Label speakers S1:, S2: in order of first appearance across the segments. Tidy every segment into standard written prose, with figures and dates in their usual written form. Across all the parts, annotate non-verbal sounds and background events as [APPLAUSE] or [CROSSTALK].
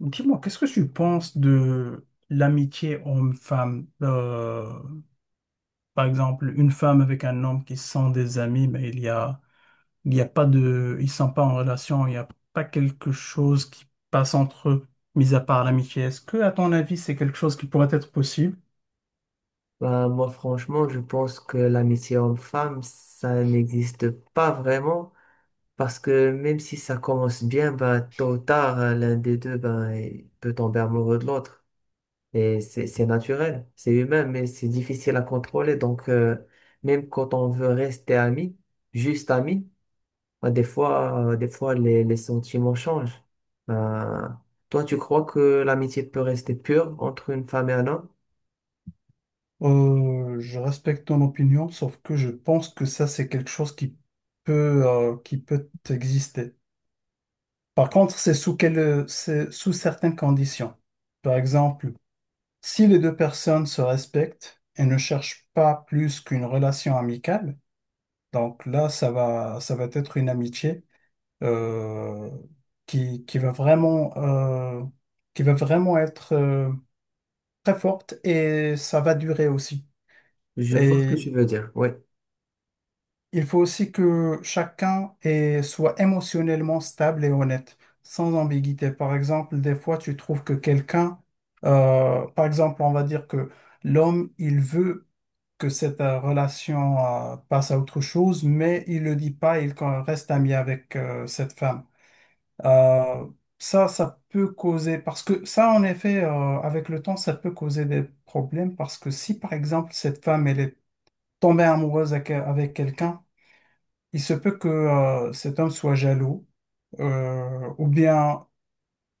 S1: Dis-moi, qu'est-ce que tu penses de l'amitié homme-femme? Par exemple, une femme avec un homme qui sont des amis, mais il y a pas de, ils sont pas en relation, il n'y a pas quelque chose qui passe entre eux, mis à part l'amitié. Est-ce que, à ton avis, c'est quelque chose qui pourrait être possible?
S2: Bah, moi, franchement, je pense que l'amitié homme-femme, ça n'existe pas vraiment. Parce que même si ça commence bien, bah, tôt ou tard, l'un des deux, ben, il peut tomber amoureux de l'autre. Et c'est naturel, c'est humain, mais c'est difficile à contrôler. Donc, même quand on veut rester ami, juste ami, bah, des fois les sentiments changent. Bah, toi, tu crois que l'amitié peut rester pure entre une femme et un homme?
S1: Je respecte ton opinion, sauf que je pense que ça, c'est quelque chose qui peut exister. Par contre, c'est sous certaines conditions. Par exemple, si les deux personnes se respectent et ne cherchent pas plus qu'une relation amicale, donc là, ça va être une amitié euh, qui, qui va vraiment, euh, qui va vraiment être très forte et ça va durer aussi.
S2: Je vois ce que
S1: Et
S2: tu veux dire, oui.
S1: il faut aussi que chacun soit émotionnellement stable et honnête, sans ambiguïté. Par exemple, des fois, tu trouves que quelqu'un, par exemple, on va dire que l'homme, il veut que cette relation passe à autre chose, mais il le dit pas, il reste ami avec cette femme. Euh, ça peut causer, parce que ça, en effet, avec le temps, ça peut causer des problèmes, parce que si, par exemple, cette femme, elle est tombée amoureuse avec, avec quelqu'un, il se peut que cet homme soit jaloux, ou bien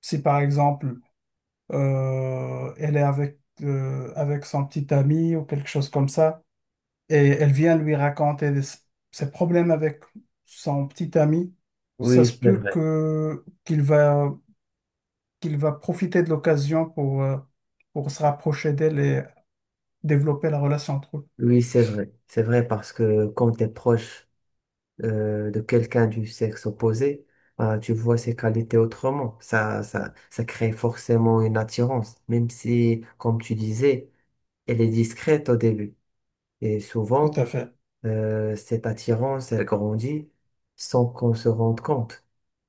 S1: si, par exemple, elle est avec, avec son petit ami ou quelque chose comme ça. Et elle vient lui raconter ses problèmes avec son petit ami. Ça
S2: Oui,
S1: se
S2: c'est
S1: peut
S2: vrai.
S1: que qu'il va profiter de l'occasion pour se rapprocher d'elle et développer la relation entre eux.
S2: Oui, c'est vrai. C'est vrai parce que quand tu es proche de quelqu'un du sexe opposé, tu vois ses qualités autrement. Ça crée forcément une attirance, même si, comme tu disais, elle est discrète au début. Et
S1: Tout
S2: souvent,
S1: à fait,
S2: cette attirance, elle grandit sans qu'on se rende compte.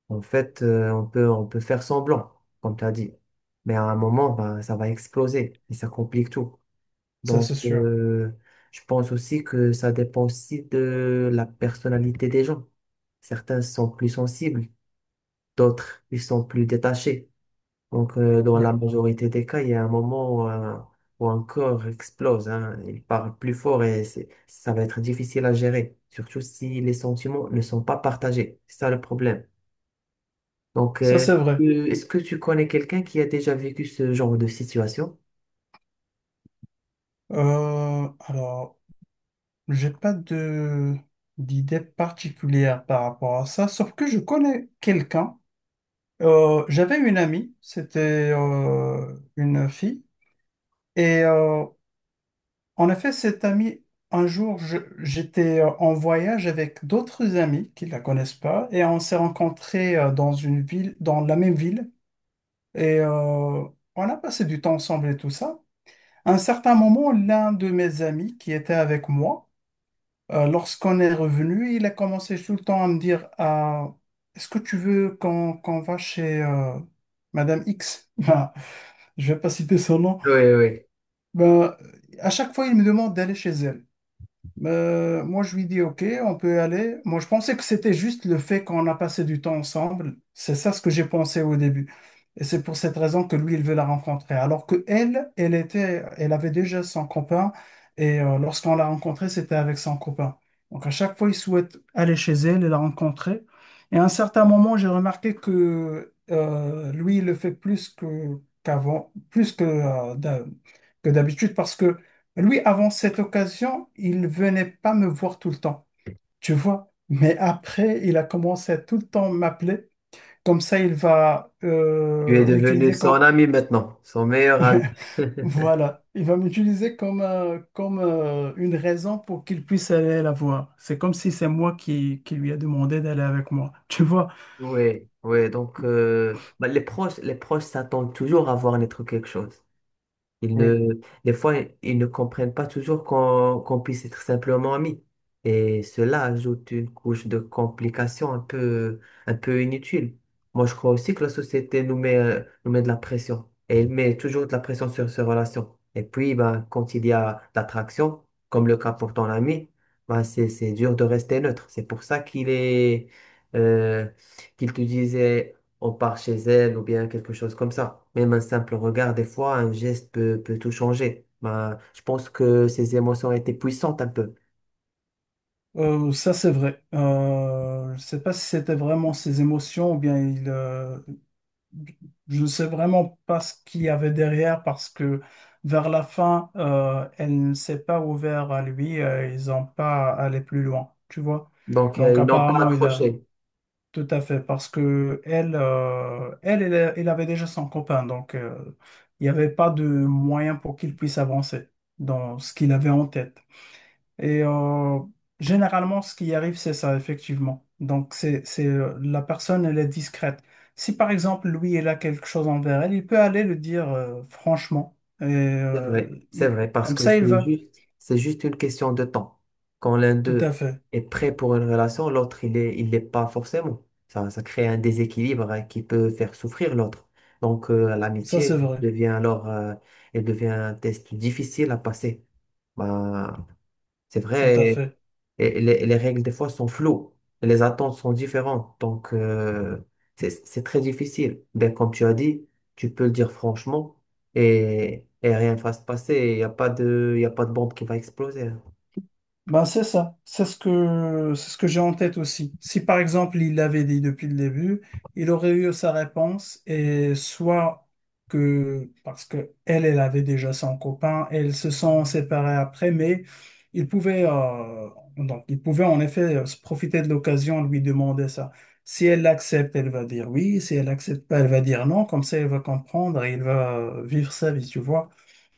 S2: En fait, on peut faire semblant, comme tu as dit. Mais à un moment, ben, ça va exploser et ça complique tout.
S1: ça c'est
S2: Donc,
S1: sûr.
S2: je pense aussi que ça dépend aussi de la personnalité des gens. Certains sont plus sensibles, d'autres, ils sont plus détachés. Donc, dans
S1: Oui,
S2: la majorité des cas, il y a un moment où un corps explose, hein. Il parle plus fort et ça va être difficile à gérer, surtout si les sentiments ne sont pas partagés. C'est ça le problème. Donc,
S1: ça c'est vrai.
S2: est-ce que tu connais quelqu'un qui a déjà vécu ce genre de situation?
S1: Alors, j'ai pas de d'idée particulière par rapport à ça, sauf que je connais quelqu'un. J'avais une amie, c'était une fille et en effet, cet ami, un jour, j'étais en voyage avec d'autres amis qui ne la connaissent pas et on s'est rencontrés dans une ville, dans la même ville et on a passé du temps ensemble et tout ça. À un certain moment, l'un de mes amis qui était avec moi, lorsqu'on est revenu, il a commencé tout le temps à me dire: Ah, est-ce que tu veux qu'on va chez Madame X? [LAUGHS] Ben, je vais pas citer son nom.
S2: Oui, oui.
S1: Ben, à chaque fois, il me demande d'aller chez elle. Moi, je lui dis, OK, on peut y aller. Moi, je pensais que c'était juste le fait qu'on a passé du temps ensemble. C'est ça ce que j'ai pensé au début. Et c'est pour cette raison que lui, il veut la rencontrer. Alors que elle, elle avait déjà son copain. Et lorsqu'on l'a rencontrée, c'était avec son copain. Donc, à chaque fois, il souhaite aller chez elle et la rencontrer. Et à un certain moment, j'ai remarqué que lui, il le fait plus que qu'avant, plus que, que d'habitude, parce que lui, avant cette occasion, il venait pas me voir tout le temps, tu vois. Mais après, il a commencé à tout le temps m'appeler. Comme ça, il va
S2: Tu es devenu
S1: m'utiliser comme...
S2: son
S1: [LAUGHS]
S2: ami maintenant, son meilleur ami.
S1: Ouais,
S2: [LAUGHS]
S1: voilà, il va m'utiliser comme une raison pour qu'il puisse aller la voir. C'est comme si c'est moi qui lui a demandé d'aller avec moi, tu vois.
S2: Oui, oui. Donc, bah, les proches s'attendent toujours à voir naître quelque chose. Ils
S1: Oui,
S2: ne, des fois, ils ne comprennent pas toujours qu'on puisse être simplement amis. Et cela ajoute une couche de complications un peu inutile. Moi, je crois aussi que la société nous met de la pression. Et elle met toujours de la pression sur ces relations. Et puis, ben, quand il y a l'attraction, comme le cas pour ton ami, ben, c'est dur de rester neutre. C'est pour ça euh, qu'il te disait on part chez elle ou bien quelque chose comme ça. Même un simple regard, des fois, un geste peut tout changer. Ben, je pense que ces émotions étaient puissantes un peu.
S1: Ça c'est vrai. Je sais pas si c'était vraiment ses émotions ou bien je ne sais vraiment pas ce qu'il y avait derrière parce que vers la fin, elle ne s'est pas ouverte à lui, ils n'ont pas allé plus loin, tu vois.
S2: Donc,
S1: Donc
S2: ils n'ont pas
S1: apparemment, il a
S2: accroché.
S1: tout à fait parce que elle, elle avait déjà son copain, donc il n'y avait pas de moyen pour qu'il puisse avancer dans ce qu'il avait en tête. Et généralement, ce qui arrive, c'est ça, effectivement. Donc, la personne, elle est discrète. Si par exemple, lui, il a quelque chose envers elle, il peut aller le dire franchement. Et
S2: C'est vrai, parce
S1: comme
S2: que
S1: ça, il va.
S2: c'est juste une question de temps. Quand l'un
S1: Tout à
S2: d'eux
S1: fait.
S2: est prêt pour une relation, l'autre, il l'est pas forcément. Ça crée un déséquilibre, hein, qui peut faire souffrir l'autre. Donc,
S1: Ça, c'est
S2: l'amitié
S1: vrai.
S2: devient alors, elle devient un test difficile à passer. Ben, c'est
S1: Tout à
S2: vrai.
S1: fait.
S2: Et les règles, des fois, sont floues. Les attentes sont différentes. Donc, c'est très difficile. Ben, comme tu as dit, tu peux le dire franchement et rien ne va se passer. Il y a pas de bombe qui va exploser.
S1: Ben c'est ça, c'est ce que j'ai en tête aussi. Si par exemple il l'avait dit depuis le début, il aurait eu sa réponse et soit que parce que elle avait déjà son copain, elles se sont séparées après, mais il pouvait donc il pouvait en effet se profiter de l'occasion de lui demander ça. Si elle l'accepte, elle va dire oui. Si elle accepte pas, elle va dire non. Comme ça, elle va comprendre et il va vivre sa vie, tu vois.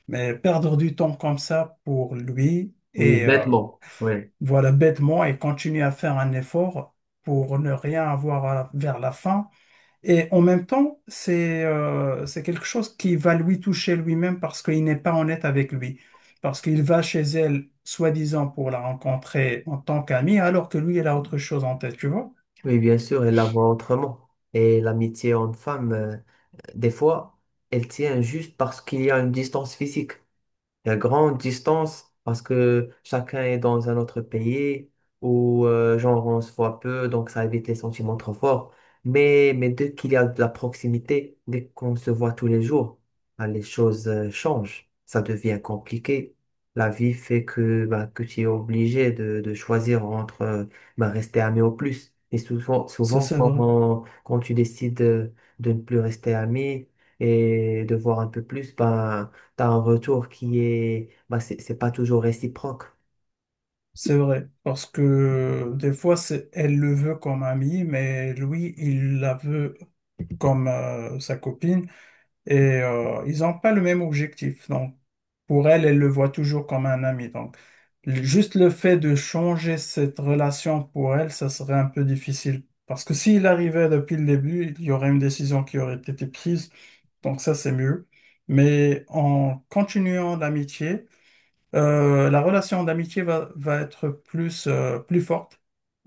S1: Mais perdre du temps comme ça pour lui.
S2: Oui,
S1: Et
S2: bêtement. Oui.
S1: voilà, bêtement et continuer à faire un effort pour ne rien avoir vers la fin. Et en même temps, c'est quelque chose qui va lui toucher lui-même parce qu'il n'est pas honnête avec lui. Parce qu'il va chez elle, soi-disant, pour la rencontrer en tant qu'ami, alors que lui, il a autre chose en tête, tu vois?
S2: Oui, bien sûr, elle la voit autrement. Et l'amitié homme-femme, des fois, elle tient juste parce qu'il y a une distance physique. Il y a grande distance parce que chacun est dans un autre pays où, genre, on se voit peu, donc ça évite les sentiments trop forts. Mais dès qu'il y a de la proximité, dès qu'on se voit tous les jours, ben, les choses changent. Ça devient compliqué. La vie fait que, ben, que tu es obligé de choisir entre ben, rester ami au plus. Et souvent,
S1: Ça, c'est vrai.
S2: quand tu décides de ne plus rester ami et de voir un peu plus, ben, tu as un retour qui est, bah, c'est pas toujours réciproque.
S1: C'est vrai. Parce que des fois, elle le veut comme ami, mais lui, il la veut comme sa copine. Et ils n'ont pas le même objectif. Donc, pour elle, elle le voit toujours comme un ami. Donc, juste le fait de changer cette relation pour elle, ça serait un peu difficile. Parce que s'il arrivait depuis le début, il y aurait une décision qui aurait été prise. Donc, ça, c'est mieux. Mais en continuant l'amitié, la relation d'amitié va être plus, plus forte.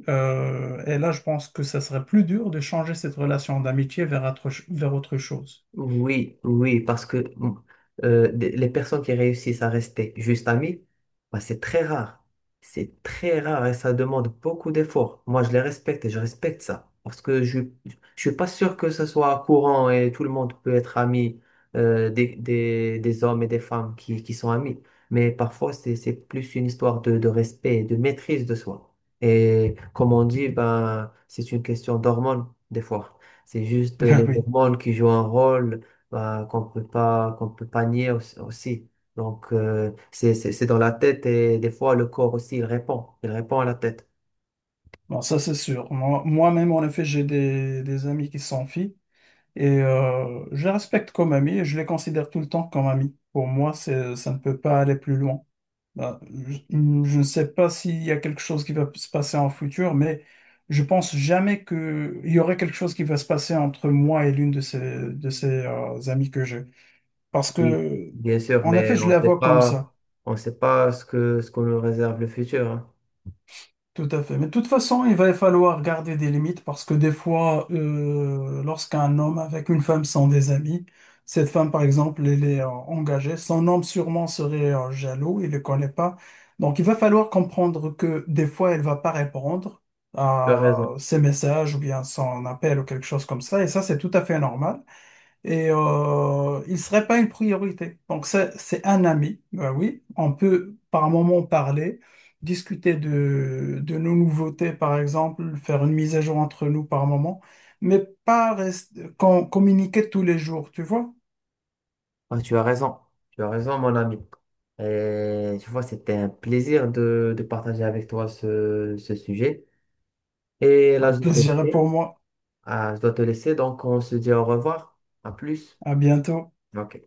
S1: Et là, je pense que ça serait plus dur de changer cette relation d'amitié vers vers autre chose. [LAUGHS]
S2: Oui, oui, parce que les personnes qui réussissent à rester juste amies, bah, c'est très rare. C'est très rare et ça demande beaucoup d'efforts. Moi, je les respecte et je respecte ça. Parce que je ne suis pas sûr que ce soit courant et tout le monde peut être ami des hommes et des femmes qui sont amis. Mais parfois, c'est plus une histoire de respect et de maîtrise de soi. Et comme on dit, ben, c'est une question d'hormones, des fois. C'est juste
S1: Ah
S2: les
S1: oui,
S2: hormones qui jouent un rôle bah, qu'on peut pas nier aussi. Aussi. Donc, c'est dans la tête et des fois le corps aussi, il répond. Il répond à la tête.
S1: bon, ça c'est sûr. Moi, moi-même, en effet, j'ai des amis qui sont filles et je les respecte comme amis et je les considère tout le temps comme amis. Pour moi, ça ne peut pas aller plus loin. Bah, je ne sais pas s'il y a quelque chose qui va se passer en futur, mais je pense jamais qu'il y aurait quelque chose qui va se passer entre moi et l'une de ces amies que j'ai. Parce
S2: Oui,
S1: que,
S2: bien sûr,
S1: en effet,
S2: mais
S1: je la vois comme ça.
S2: on sait pas ce que, ce qu'on nous réserve le futur. Hein.
S1: Tout à fait. Mais de toute façon, il va falloir garder des limites parce que des fois, lorsqu'un homme avec une femme sont des amis, cette femme, par exemple, elle est engagée, son homme sûrement serait jaloux, il ne le connaît pas. Donc, il va falloir comprendre que des fois, elle va pas répondre
S2: Tu as
S1: à
S2: raison.
S1: ses messages ou bien son appel ou quelque chose comme ça. Et ça, c'est tout à fait normal et il serait pas une priorité. Donc c'est un ami, ben oui, on peut par moment parler, discuter de nos nouveautés par exemple, faire une mise à jour entre nous par moment, mais pas rester, communiquer tous les jours, tu vois.
S2: Ah, tu as raison. Tu as raison, mon ami. Et tu vois, c'était un plaisir de partager avec toi ce, ce sujet. Et là,
S1: Un
S2: je dois te
S1: plaisir est
S2: laisser.
S1: pour moi.
S2: Ah, je dois te laisser, donc on se dit au revoir. À plus.
S1: À bientôt.
S2: Ok.